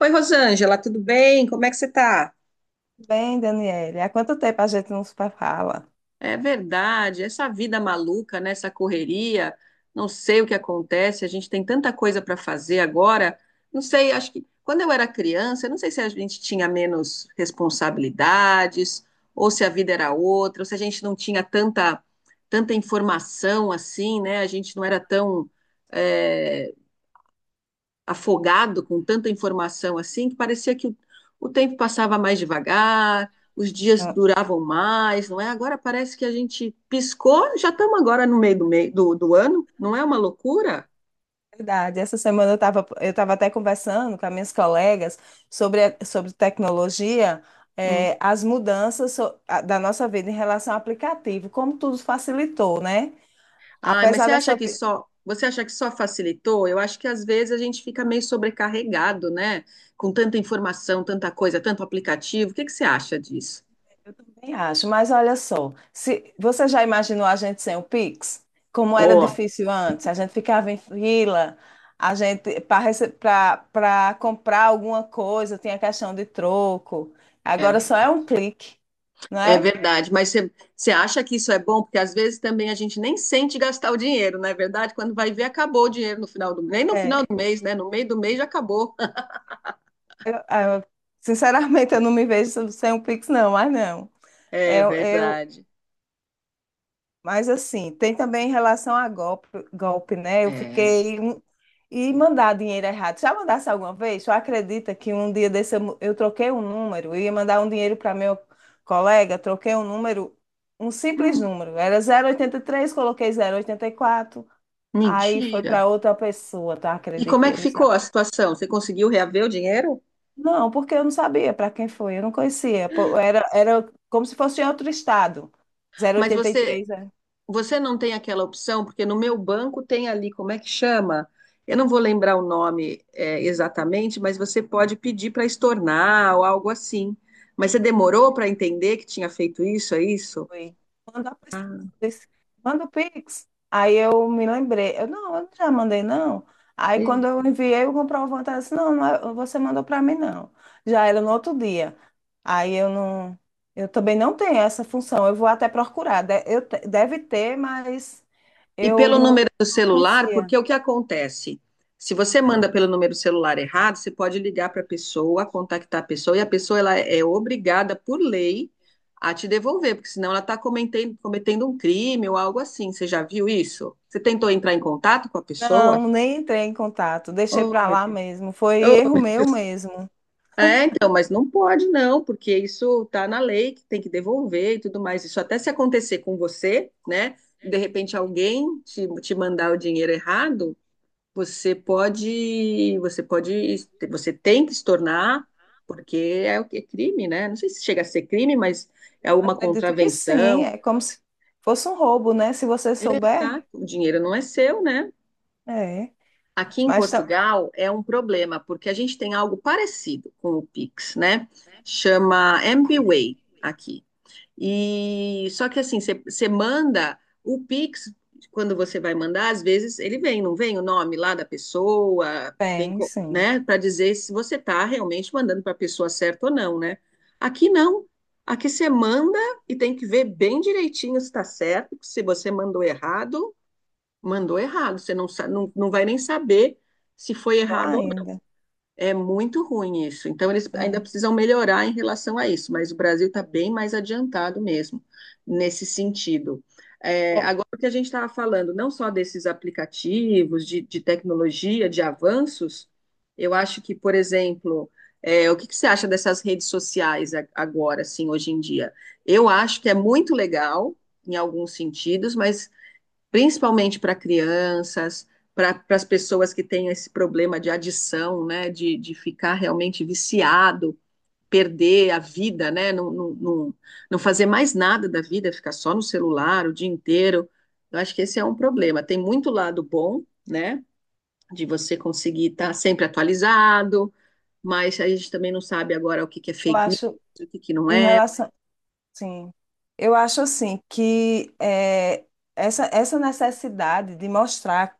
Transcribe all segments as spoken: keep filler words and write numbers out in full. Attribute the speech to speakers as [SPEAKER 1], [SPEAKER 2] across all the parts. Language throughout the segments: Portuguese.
[SPEAKER 1] Oi, Rosângela, tudo bem? Como é que você tá?
[SPEAKER 2] Bem, Daniele, há quanto tempo a gente não se fala?
[SPEAKER 1] É verdade, essa vida maluca, né? Essa correria, não sei o que acontece, a gente tem tanta coisa para fazer agora. Não sei, acho que quando eu era criança, eu não sei se a gente tinha menos responsabilidades, ou se a vida era outra, ou se a gente não tinha tanta, tanta informação assim, né? A gente não era tão, eh, afogado com tanta informação assim que parecia que o, o tempo passava mais devagar, os dias
[SPEAKER 2] Ah,
[SPEAKER 1] duravam mais, não é? Agora parece que a gente piscou, já estamos agora no meio do, meio do, do ano, não é uma loucura?
[SPEAKER 2] Verdade, essa semana eu estava eu tava até conversando com as minhas colegas sobre, a- sobre tecnologia,
[SPEAKER 1] Hum.
[SPEAKER 2] eh, as mudanças so- a- da nossa vida em relação ao aplicativo, como tudo facilitou, né?
[SPEAKER 1] Ah, mas
[SPEAKER 2] Apesar
[SPEAKER 1] você acha
[SPEAKER 2] dessa,
[SPEAKER 1] que só você acha que só facilitou? Eu acho que às vezes a gente fica meio sobrecarregado, né? Com tanta informação, tanta coisa, tanto aplicativo. O que que você acha disso?
[SPEAKER 2] eu também acho, mas olha só, se você já imaginou a gente sem o Pix? Como era
[SPEAKER 1] Oh,
[SPEAKER 2] difícil antes, a gente ficava em fila, a gente para comprar alguma coisa, tinha questão de troco.
[SPEAKER 1] é
[SPEAKER 2] Agora só é
[SPEAKER 1] verdade.
[SPEAKER 2] um clique, não
[SPEAKER 1] É
[SPEAKER 2] é?
[SPEAKER 1] verdade, mas você você acha que isso é bom? Porque às vezes também a gente nem sente gastar o dinheiro, não é verdade? Quando vai ver, acabou o dinheiro no final do mês. Nem no final
[SPEAKER 2] É,
[SPEAKER 1] do mês, né? No meio do mês já acabou.
[SPEAKER 2] eu- eu- sinceramente, eu não me vejo sem o Pix, não, mas não.
[SPEAKER 1] É
[SPEAKER 2] Eu eu,
[SPEAKER 1] verdade.
[SPEAKER 2] Mas assim, tem também em relação a golpe, golpe, né? Eu
[SPEAKER 1] É.
[SPEAKER 2] fiquei um- e mandar dinheiro errado. Já mandasse alguma vez? Tu acredita que um dia desse eu, mu- eu troquei um número, eu ia mandar um dinheiro para meu colega, troquei um número, um simples número. Era zero oito três coloquei zero oito quatro, aí foi
[SPEAKER 1] Mentira.
[SPEAKER 2] para outra pessoa, tá
[SPEAKER 1] E como
[SPEAKER 2] acredita?
[SPEAKER 1] é que
[SPEAKER 2] Eu não
[SPEAKER 1] ficou a
[SPEAKER 2] sabia.
[SPEAKER 1] situação? Você conseguiu reaver o dinheiro?
[SPEAKER 2] Não, porque eu não sabia para quem foi, eu não conhecia. Pô, era, era como se fosse em outro estado.
[SPEAKER 1] Mas você
[SPEAKER 2] zero oito três,
[SPEAKER 1] Você não tem aquela opção, porque no meu banco tem ali, como é que chama? Eu não vou lembrar o nome, é, exatamente, mas você pode pedir para estornar ou algo assim. Mas você demorou para
[SPEAKER 2] é.
[SPEAKER 1] entender que tinha feito isso, é isso?
[SPEAKER 2] Foi. Quando a pessoa
[SPEAKER 1] Ah,
[SPEAKER 2] disse, manda o Pix. Aí eu me lembrei, eu não, eu não já mandei não. Aí quando eu enviei o comprovante, ela disse, não, não é- você mandou para mim não. Já era no outro dia. Aí eu não, eu também não tenho essa função. Eu vou até procurar. De- eu te- deve ter, mas
[SPEAKER 1] e
[SPEAKER 2] eu
[SPEAKER 1] pelo
[SPEAKER 2] não
[SPEAKER 1] número do celular,
[SPEAKER 2] conhecia.
[SPEAKER 1] porque o que acontece? Se você manda pelo número celular errado, você pode ligar para a pessoa, contactar a pessoa, e a pessoa ela é obrigada, por lei, a te devolver, porque senão ela está cometendo, cometendo um crime ou algo assim. Você já viu isso? Você tentou entrar em contato com a pessoa?
[SPEAKER 2] Não, nem entrei em contato. Deixei
[SPEAKER 1] Oh,
[SPEAKER 2] para
[SPEAKER 1] meu
[SPEAKER 2] lá
[SPEAKER 1] Deus.
[SPEAKER 2] mesmo. Foi
[SPEAKER 1] Oh,
[SPEAKER 2] erro
[SPEAKER 1] meu
[SPEAKER 2] meu
[SPEAKER 1] Deus.
[SPEAKER 2] mesmo.
[SPEAKER 1] É, então, mas não pode não, porque isso está na lei que tem que devolver e tudo mais. Isso até se acontecer com você, né? De repente alguém te, te mandar o dinheiro errado, você pode, você pode, você tem que se tornar, porque é o que é crime, né? Não sei se chega a ser crime, mas é uma
[SPEAKER 2] Acredito que sim.
[SPEAKER 1] contravenção.
[SPEAKER 2] É como se fosse um roubo, né? Se você souber.
[SPEAKER 1] Tá? O dinheiro não é seu, né?
[SPEAKER 2] É.
[SPEAKER 1] Aqui em
[SPEAKER 2] Mas
[SPEAKER 1] Portugal é um problema, porque a gente tem algo parecido com o Pix, né? Chama MBWay aqui. E só que assim, você você manda o Pix, quando você vai mandar, às vezes ele vem, não vem o nome lá da pessoa, vem,
[SPEAKER 2] também,
[SPEAKER 1] co-
[SPEAKER 2] sim,
[SPEAKER 1] né, para dizer se você está realmente mandando para a pessoa certa ou não, né? Aqui não. Aqui você manda e tem que ver bem direitinho se está certo, porque se você mandou errado, mandou errado, você não, sa- não, não vai nem saber se foi
[SPEAKER 2] pior
[SPEAKER 1] errado,
[SPEAKER 2] ainda.
[SPEAKER 1] é muito ruim isso. Então, eles ainda
[SPEAKER 2] É.
[SPEAKER 1] precisam melhorar em relação a isso, mas o Brasil está bem mais adiantado mesmo nesse sentido. É,
[SPEAKER 2] Bom,
[SPEAKER 1] agora, o que a gente estava falando, não só desses aplicativos, de, de tecnologia, de avanços, eu acho que, por exemplo, é, o que, que você acha dessas redes sociais a- agora, assim, hoje em dia? Eu acho que é muito legal em alguns sentidos, mas principalmente para crianças, para as pessoas que têm esse problema de adição, né, de, de ficar realmente viciado, perder a vida, né, não, não, não, não fazer mais nada da vida, ficar só no celular o dia inteiro. Eu acho que esse é um problema. Tem muito lado bom, né, de você conseguir estar sempre atualizado, mas a gente também não sabe agora o que que é
[SPEAKER 2] eu
[SPEAKER 1] fake news,
[SPEAKER 2] acho,
[SPEAKER 1] o que que não
[SPEAKER 2] em
[SPEAKER 1] é.
[SPEAKER 2] relação, sim, eu acho assim que é, essa, essa necessidade de mostrar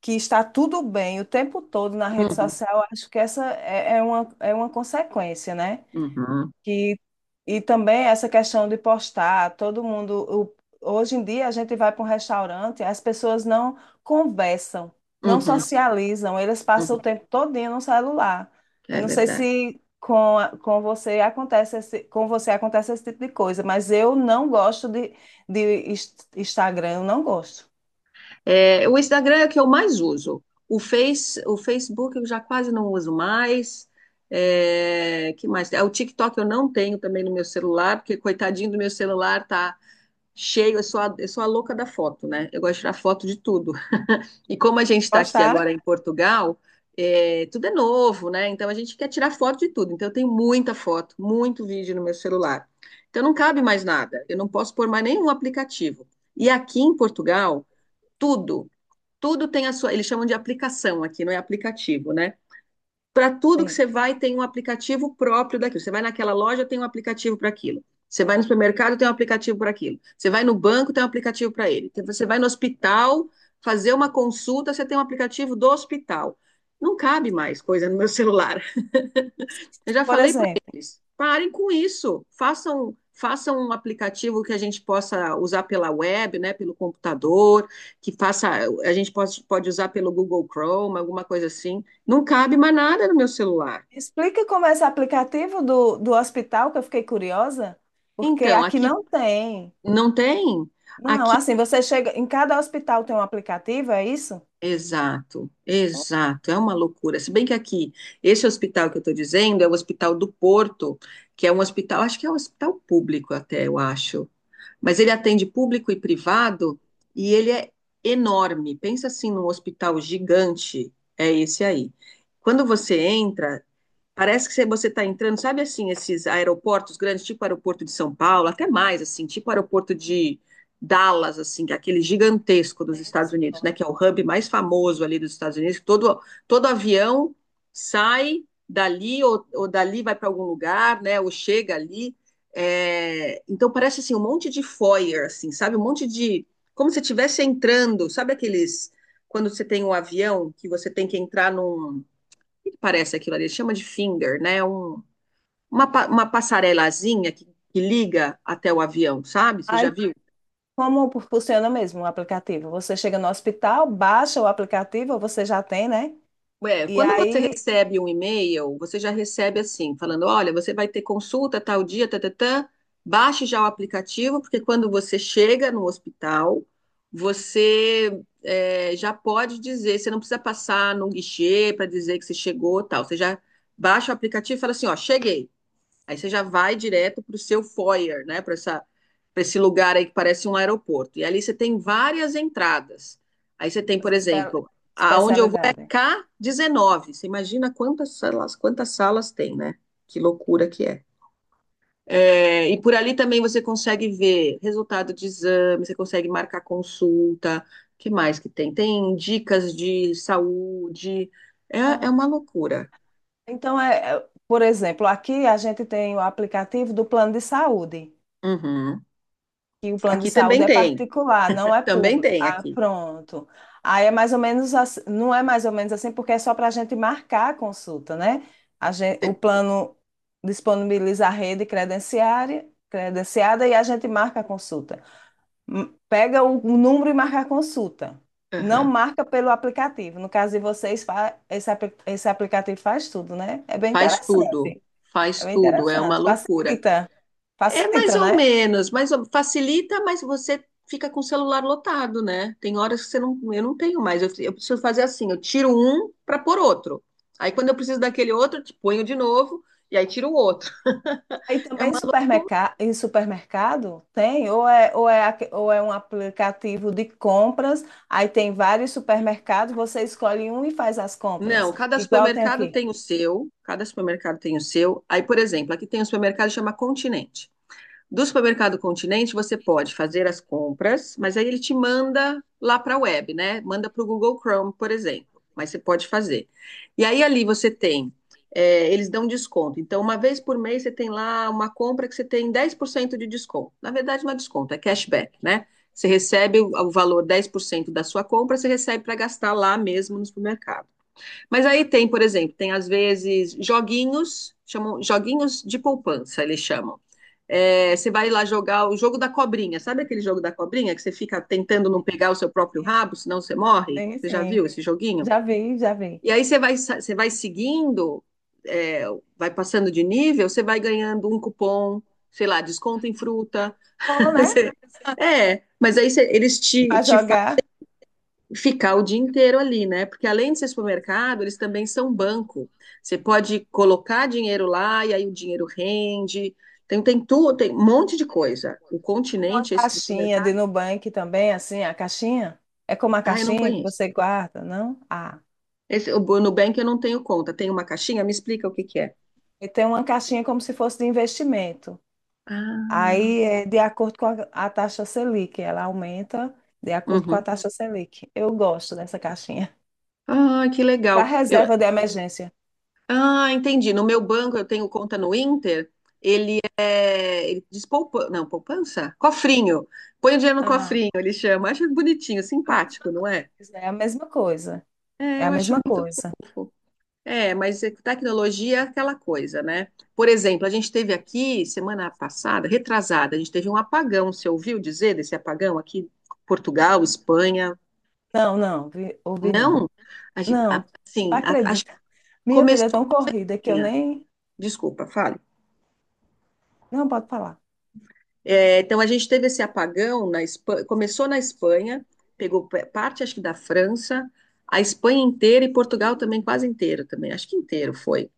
[SPEAKER 2] que está tudo bem o tempo todo na rede
[SPEAKER 1] Uhum,
[SPEAKER 2] social, eu acho que essa é, é uma, é uma consequência, né?
[SPEAKER 1] uhum,
[SPEAKER 2] Que e também essa questão de postar, todo mundo, o- hoje em dia a gente vai para um restaurante, as pessoas não conversam, não
[SPEAKER 1] uhum,
[SPEAKER 2] socializam, eles passam o
[SPEAKER 1] uhum.
[SPEAKER 2] tempo todinho no celular. Eu
[SPEAKER 1] É
[SPEAKER 2] não sei
[SPEAKER 1] verdade.
[SPEAKER 2] se com, a- com você acontece esse, com você acontece esse tipo de coisa, mas eu não gosto de, de ins- Instagram, eu não gosto.
[SPEAKER 1] É, o Instagram é o que eu mais uso. O Face, o Facebook eu já quase não uso mais. É, que mais? É, o TikTok eu não tenho também no meu celular, porque coitadinho do meu celular tá cheio, eu sou a, eu sou a louca da foto, né? Eu gosto de tirar foto de tudo. E como a gente está aqui
[SPEAKER 2] Postar?
[SPEAKER 1] agora em Portugal, é, tudo é novo, né? Então a gente quer tirar foto de tudo. Então eu tenho muita foto, muito vídeo no meu celular. Então não cabe mais nada. Eu não posso pôr mais nenhum aplicativo. E aqui em Portugal, tudo tudo tem a sua, eles chamam de aplicação aqui, não é aplicativo, né? Para tudo que
[SPEAKER 2] Sim.
[SPEAKER 1] você vai, tem um aplicativo próprio daquilo. Você vai naquela loja, tem um aplicativo para aquilo. Você vai no supermercado, tem um aplicativo para aquilo. Você vai no banco, tem um aplicativo para ele. Então, você vai no hospital fazer uma consulta, você tem um aplicativo do hospital. Não cabe mais coisa no meu celular. Eu já
[SPEAKER 2] Por
[SPEAKER 1] falei para
[SPEAKER 2] exemplo,
[SPEAKER 1] eles, parem com isso, façam, façam um aplicativo que a gente possa usar pela web, né, pelo computador, que faça, a gente pode, pode usar pelo Google Chrome, alguma coisa assim. Não cabe mais nada no meu celular.
[SPEAKER 2] explica como é esse aplicativo do, do hospital, que eu fiquei curiosa, porque
[SPEAKER 1] Então,
[SPEAKER 2] aqui
[SPEAKER 1] aqui
[SPEAKER 2] não tem.
[SPEAKER 1] não tem.
[SPEAKER 2] Não, assim, você chega. Em cada hospital tem um aplicativo, é isso?
[SPEAKER 1] Exato, exato, é uma loucura. Se bem que aqui, esse hospital que eu estou dizendo é o Hospital do Porto, que é um hospital, acho que é um hospital público até, eu acho. Mas ele atende público e privado e ele é enorme. Pensa assim num hospital gigante, é esse aí. Quando você entra, parece que você está entrando, sabe assim, esses aeroportos grandes, tipo aeroporto de São Paulo, até mais, assim, tipo aeroporto de Dallas, assim, que é aquele gigantesco dos Estados Unidos, né? Que é o hub mais famoso ali dos Estados Unidos, que todo, todo avião sai dali ou, ou dali vai para algum lugar, né? Ou chega ali. É, então parece assim um monte de foyer, assim, sabe? Um monte de. Como se estivesse entrando, sabe aqueles. Quando você tem um avião que você tem que entrar num que que parece aquilo ali? Ele chama de finger, né? Um, uma, pa- uma passarelazinha que, que liga até o avião, sabe? Você já
[SPEAKER 2] Aí,
[SPEAKER 1] viu?
[SPEAKER 2] como funciona mesmo o aplicativo? Você chega no hospital, baixa o aplicativo, você já tem, né?
[SPEAKER 1] Ué,
[SPEAKER 2] E
[SPEAKER 1] quando você
[SPEAKER 2] aí,
[SPEAKER 1] recebe um e-mail, você já recebe assim, falando: olha, você vai ter consulta tal dia, tatatã, baixe já o aplicativo, porque quando você chega no hospital, você é, já pode dizer, você não precisa passar no guichê para dizer que você chegou, tal. Você já baixa o aplicativo e fala assim: ó, cheguei. Aí você já vai direto para o seu foyer, né? Para essa, para esse lugar aí que parece um aeroporto. E ali você tem várias entradas. Aí você tem, por
[SPEAKER 2] as espe-
[SPEAKER 1] exemplo, aonde eu vou é
[SPEAKER 2] especialidades.
[SPEAKER 1] k dezenove. Você imagina quantas salas, quantas salas tem, né? Que loucura que é. É, e por ali também você consegue ver resultado de exame, você consegue marcar consulta. O que mais que tem? Tem dicas de saúde. É, é
[SPEAKER 2] Ah,
[SPEAKER 1] uma loucura.
[SPEAKER 2] então, é, é, por exemplo, aqui a gente tem o aplicativo do plano de saúde.
[SPEAKER 1] Uhum.
[SPEAKER 2] Que o plano de
[SPEAKER 1] Aqui também
[SPEAKER 2] saúde é
[SPEAKER 1] tem.
[SPEAKER 2] particular, não é
[SPEAKER 1] Também
[SPEAKER 2] público.
[SPEAKER 1] tem
[SPEAKER 2] Ah,
[SPEAKER 1] aqui.
[SPEAKER 2] pronto. Aí é mais ou menos assim, não é mais ou menos assim, porque é só para a gente marcar a consulta, né? A gente, o
[SPEAKER 1] Você.
[SPEAKER 2] plano disponibiliza a rede credenciária, credenciada e a gente marca a consulta. M- Pega o, o número e marca a consulta. Não
[SPEAKER 1] Aham.
[SPEAKER 2] marca pelo aplicativo. No caso de vocês, fa- esse, apli- esse aplicativo faz tudo, né? É bem
[SPEAKER 1] Faz tudo,
[SPEAKER 2] interessante.
[SPEAKER 1] faz
[SPEAKER 2] É bem
[SPEAKER 1] tudo, é uma
[SPEAKER 2] interessante.
[SPEAKER 1] loucura.
[SPEAKER 2] Facilita.
[SPEAKER 1] É mais
[SPEAKER 2] Facilita,
[SPEAKER 1] ou
[SPEAKER 2] né?
[SPEAKER 1] menos, mais ou- facilita, mas você fica com o celular lotado, né? Tem horas que você não, eu não tenho mais, eu, eu preciso fazer assim, eu tiro um para pôr outro. Aí quando eu preciso daquele outro, te ponho de novo e aí tiro o outro.
[SPEAKER 2] Aí
[SPEAKER 1] É
[SPEAKER 2] também
[SPEAKER 1] uma loucura.
[SPEAKER 2] supermerca- em supermercado tem, ou é, ou é, aque- ou é um aplicativo de compras, aí tem vários supermercados, você escolhe um e faz as compras.
[SPEAKER 1] Não, cada
[SPEAKER 2] Igual tem
[SPEAKER 1] supermercado
[SPEAKER 2] aqui.
[SPEAKER 1] tem o seu, cada supermercado tem o seu. Aí, por exemplo, aqui tem um supermercado que chama Continente. Do supermercado Continente, você pode fazer as compras, mas aí ele te manda lá para a web, né? Manda para o Google Chrome, por exemplo. Mas você pode fazer. E aí ali você tem, é, eles dão desconto. Então, uma vez por mês, você tem lá uma compra que você tem dez por cento de desconto. Na verdade, não é desconto, é cashback, né? Você recebe o, o valor dez por cento da sua compra, você recebe para gastar lá mesmo no supermercado. Mas aí tem, por exemplo, tem às vezes joguinhos, chamam joguinhos de poupança, eles chamam. É, você vai lá jogar o jogo da cobrinha, sabe aquele jogo da cobrinha que você fica tentando não pegar o seu próprio rabo, senão você morre?
[SPEAKER 2] Tem
[SPEAKER 1] Você já
[SPEAKER 2] sim.
[SPEAKER 1] viu esse joguinho?
[SPEAKER 2] Já vi, já vi.
[SPEAKER 1] E aí você vai, sa- você vai seguindo, é, vai passando de nível, você vai ganhando um cupom, sei lá, desconto em fruta.
[SPEAKER 2] Bom, né?
[SPEAKER 1] Você- é, mas aí você- eles te,
[SPEAKER 2] Para
[SPEAKER 1] te
[SPEAKER 2] jogar.
[SPEAKER 1] ficar o dia inteiro ali, né? Porque além de ser supermercado, eles também são banco. Você pode colocar dinheiro lá e aí o dinheiro rende. Tem, tem tudo, tem um monte de coisa. O
[SPEAKER 2] Como uma
[SPEAKER 1] continente, esse do
[SPEAKER 2] caixinha de
[SPEAKER 1] supermercado,
[SPEAKER 2] Nubank também, assim, a caixinha? É como a
[SPEAKER 1] ah, eu não
[SPEAKER 2] caixinha que
[SPEAKER 1] conheço.
[SPEAKER 2] você guarda, não? Ah,
[SPEAKER 1] Esse, o Nubank eu não tenho conta. Tem uma caixinha? Me explica o que que é.
[SPEAKER 2] e tem uma caixinha como se fosse de investimento.
[SPEAKER 1] Ah,
[SPEAKER 2] Aí é de acordo com a, a taxa Selic, ela aumenta de acordo com a
[SPEAKER 1] uhum.
[SPEAKER 2] taxa Selic. Eu gosto dessa caixinha.
[SPEAKER 1] Ah, que
[SPEAKER 2] Para
[SPEAKER 1] legal. Eu,
[SPEAKER 2] reserva de emergência.
[SPEAKER 1] ah, entendi. No meu banco eu tenho conta no Inter. Ele é. Ele diz poupança. Não, poupança? Cofrinho. Põe o dinheiro no
[SPEAKER 2] Ah,
[SPEAKER 1] cofrinho, ele chama. Acho bonitinho,
[SPEAKER 2] a
[SPEAKER 1] simpático,
[SPEAKER 2] mesma
[SPEAKER 1] não é?
[SPEAKER 2] coisa, é a mesma coisa. É
[SPEAKER 1] É,
[SPEAKER 2] a
[SPEAKER 1] eu acho
[SPEAKER 2] mesma
[SPEAKER 1] muito.
[SPEAKER 2] coisa.
[SPEAKER 1] É, mas é que tecnologia é aquela coisa, né? Por exemplo, a gente teve aqui semana passada, retrasada, a gente teve um apagão. Você ouviu dizer desse apagão aqui? Portugal, Espanha?
[SPEAKER 2] Não, não, vi- ouvi não.
[SPEAKER 1] Não? A, gen-
[SPEAKER 2] Não,
[SPEAKER 1] a-
[SPEAKER 2] não
[SPEAKER 1] assim, a- acho que
[SPEAKER 2] acredita. Minha vida é
[SPEAKER 1] começou.
[SPEAKER 2] tão corrida que eu nem.
[SPEAKER 1] Desculpa, fale.
[SPEAKER 2] Não, pode falar.
[SPEAKER 1] É, então a gente teve esse apagão na Espanha, começou na Espanha, pegou pe- parte acho que da França, a Espanha inteira e Portugal também quase inteiro também, acho que inteiro foi.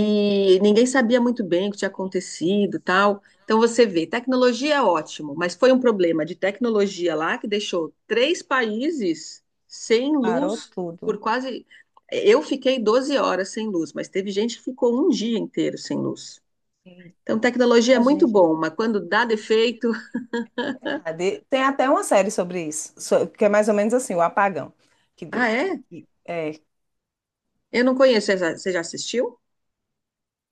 [SPEAKER 2] Eita,
[SPEAKER 1] ninguém sabia muito bem o que tinha acontecido, tal. Então você vê, tecnologia é ótimo, mas foi um problema de tecnologia lá que deixou três países sem
[SPEAKER 2] parou
[SPEAKER 1] luz por
[SPEAKER 2] tudo.
[SPEAKER 1] quase, eu fiquei doze horas sem luz, mas teve gente que ficou um dia inteiro sem luz. Então, tecnologia é muito
[SPEAKER 2] Imagina.
[SPEAKER 1] bom, mas quando dá defeito,
[SPEAKER 2] É verdade. Tem até uma série sobre isso, so- que é mais ou menos assim, o apagão que
[SPEAKER 1] ah,
[SPEAKER 2] deu.
[SPEAKER 1] é?
[SPEAKER 2] E- É,
[SPEAKER 1] Eu não conheço. Você já você já assistiu?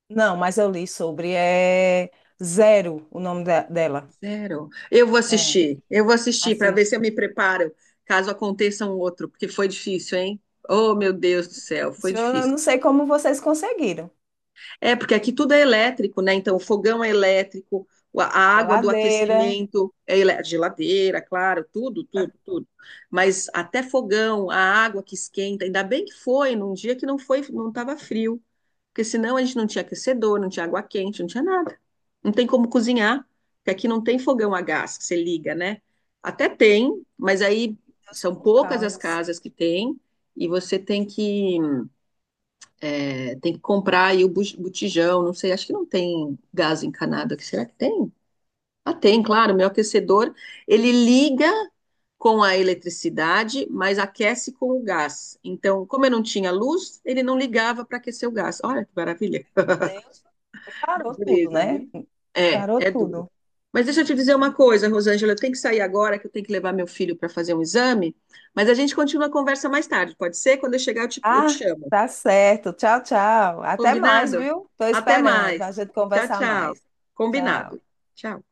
[SPEAKER 2] não, mas eu li sobre. É Zero o nome da- dela.
[SPEAKER 1] Zero. Eu vou
[SPEAKER 2] É,
[SPEAKER 1] assistir. Eu vou assistir para ver se eu
[SPEAKER 2] assista.
[SPEAKER 1] me preparo, caso aconteça um outro, porque foi difícil, hein? Oh, meu Deus do céu, foi
[SPEAKER 2] Eu
[SPEAKER 1] difícil.
[SPEAKER 2] não sei como vocês conseguiram.
[SPEAKER 1] É, porque aqui tudo é elétrico, né? Então, o fogão é elétrico, a água do
[SPEAKER 2] Geladeira.
[SPEAKER 1] aquecimento é elé- geladeira, claro, tudo, tudo, tudo. Mas até fogão, a água que esquenta, ainda bem que foi num dia que não foi, não estava frio, porque senão a gente não tinha aquecedor, não tinha água quente, não tinha nada. Não tem como cozinhar, porque aqui não tem fogão a gás que você liga, né? Até tem, mas aí
[SPEAKER 2] Meu Deus,
[SPEAKER 1] são
[SPEAKER 2] foi um
[SPEAKER 1] poucas as
[SPEAKER 2] caos.
[SPEAKER 1] casas que tem e você tem que é, tem que comprar aí o bu- botijão, não sei, acho que não tem gás encanado aqui. Será que tem? Ah, tem, claro. Meu aquecedor, ele liga com a eletricidade, mas aquece com o gás. Então, como eu não tinha luz, ele não ligava para aquecer o gás. Olha que maravilha.
[SPEAKER 2] Deus, parou tudo,
[SPEAKER 1] Dureza,
[SPEAKER 2] né?
[SPEAKER 1] viu? É,
[SPEAKER 2] Parou
[SPEAKER 1] é duro.
[SPEAKER 2] tudo.
[SPEAKER 1] Mas deixa eu te dizer uma coisa, Rosângela, eu tenho que sair agora, que eu tenho que levar meu filho para fazer um exame, mas a gente continua a conversa mais tarde, pode ser? Quando eu chegar, eu te, eu te
[SPEAKER 2] Ah,
[SPEAKER 1] chamo.
[SPEAKER 2] tá certo. Tchau, tchau. Até mais,
[SPEAKER 1] Combinado?
[SPEAKER 2] viu? Tô
[SPEAKER 1] Até
[SPEAKER 2] esperando pra
[SPEAKER 1] mais.
[SPEAKER 2] gente
[SPEAKER 1] Tchau,
[SPEAKER 2] conversar
[SPEAKER 1] tchau.
[SPEAKER 2] mais. Tchau.
[SPEAKER 1] Combinado. Tchau.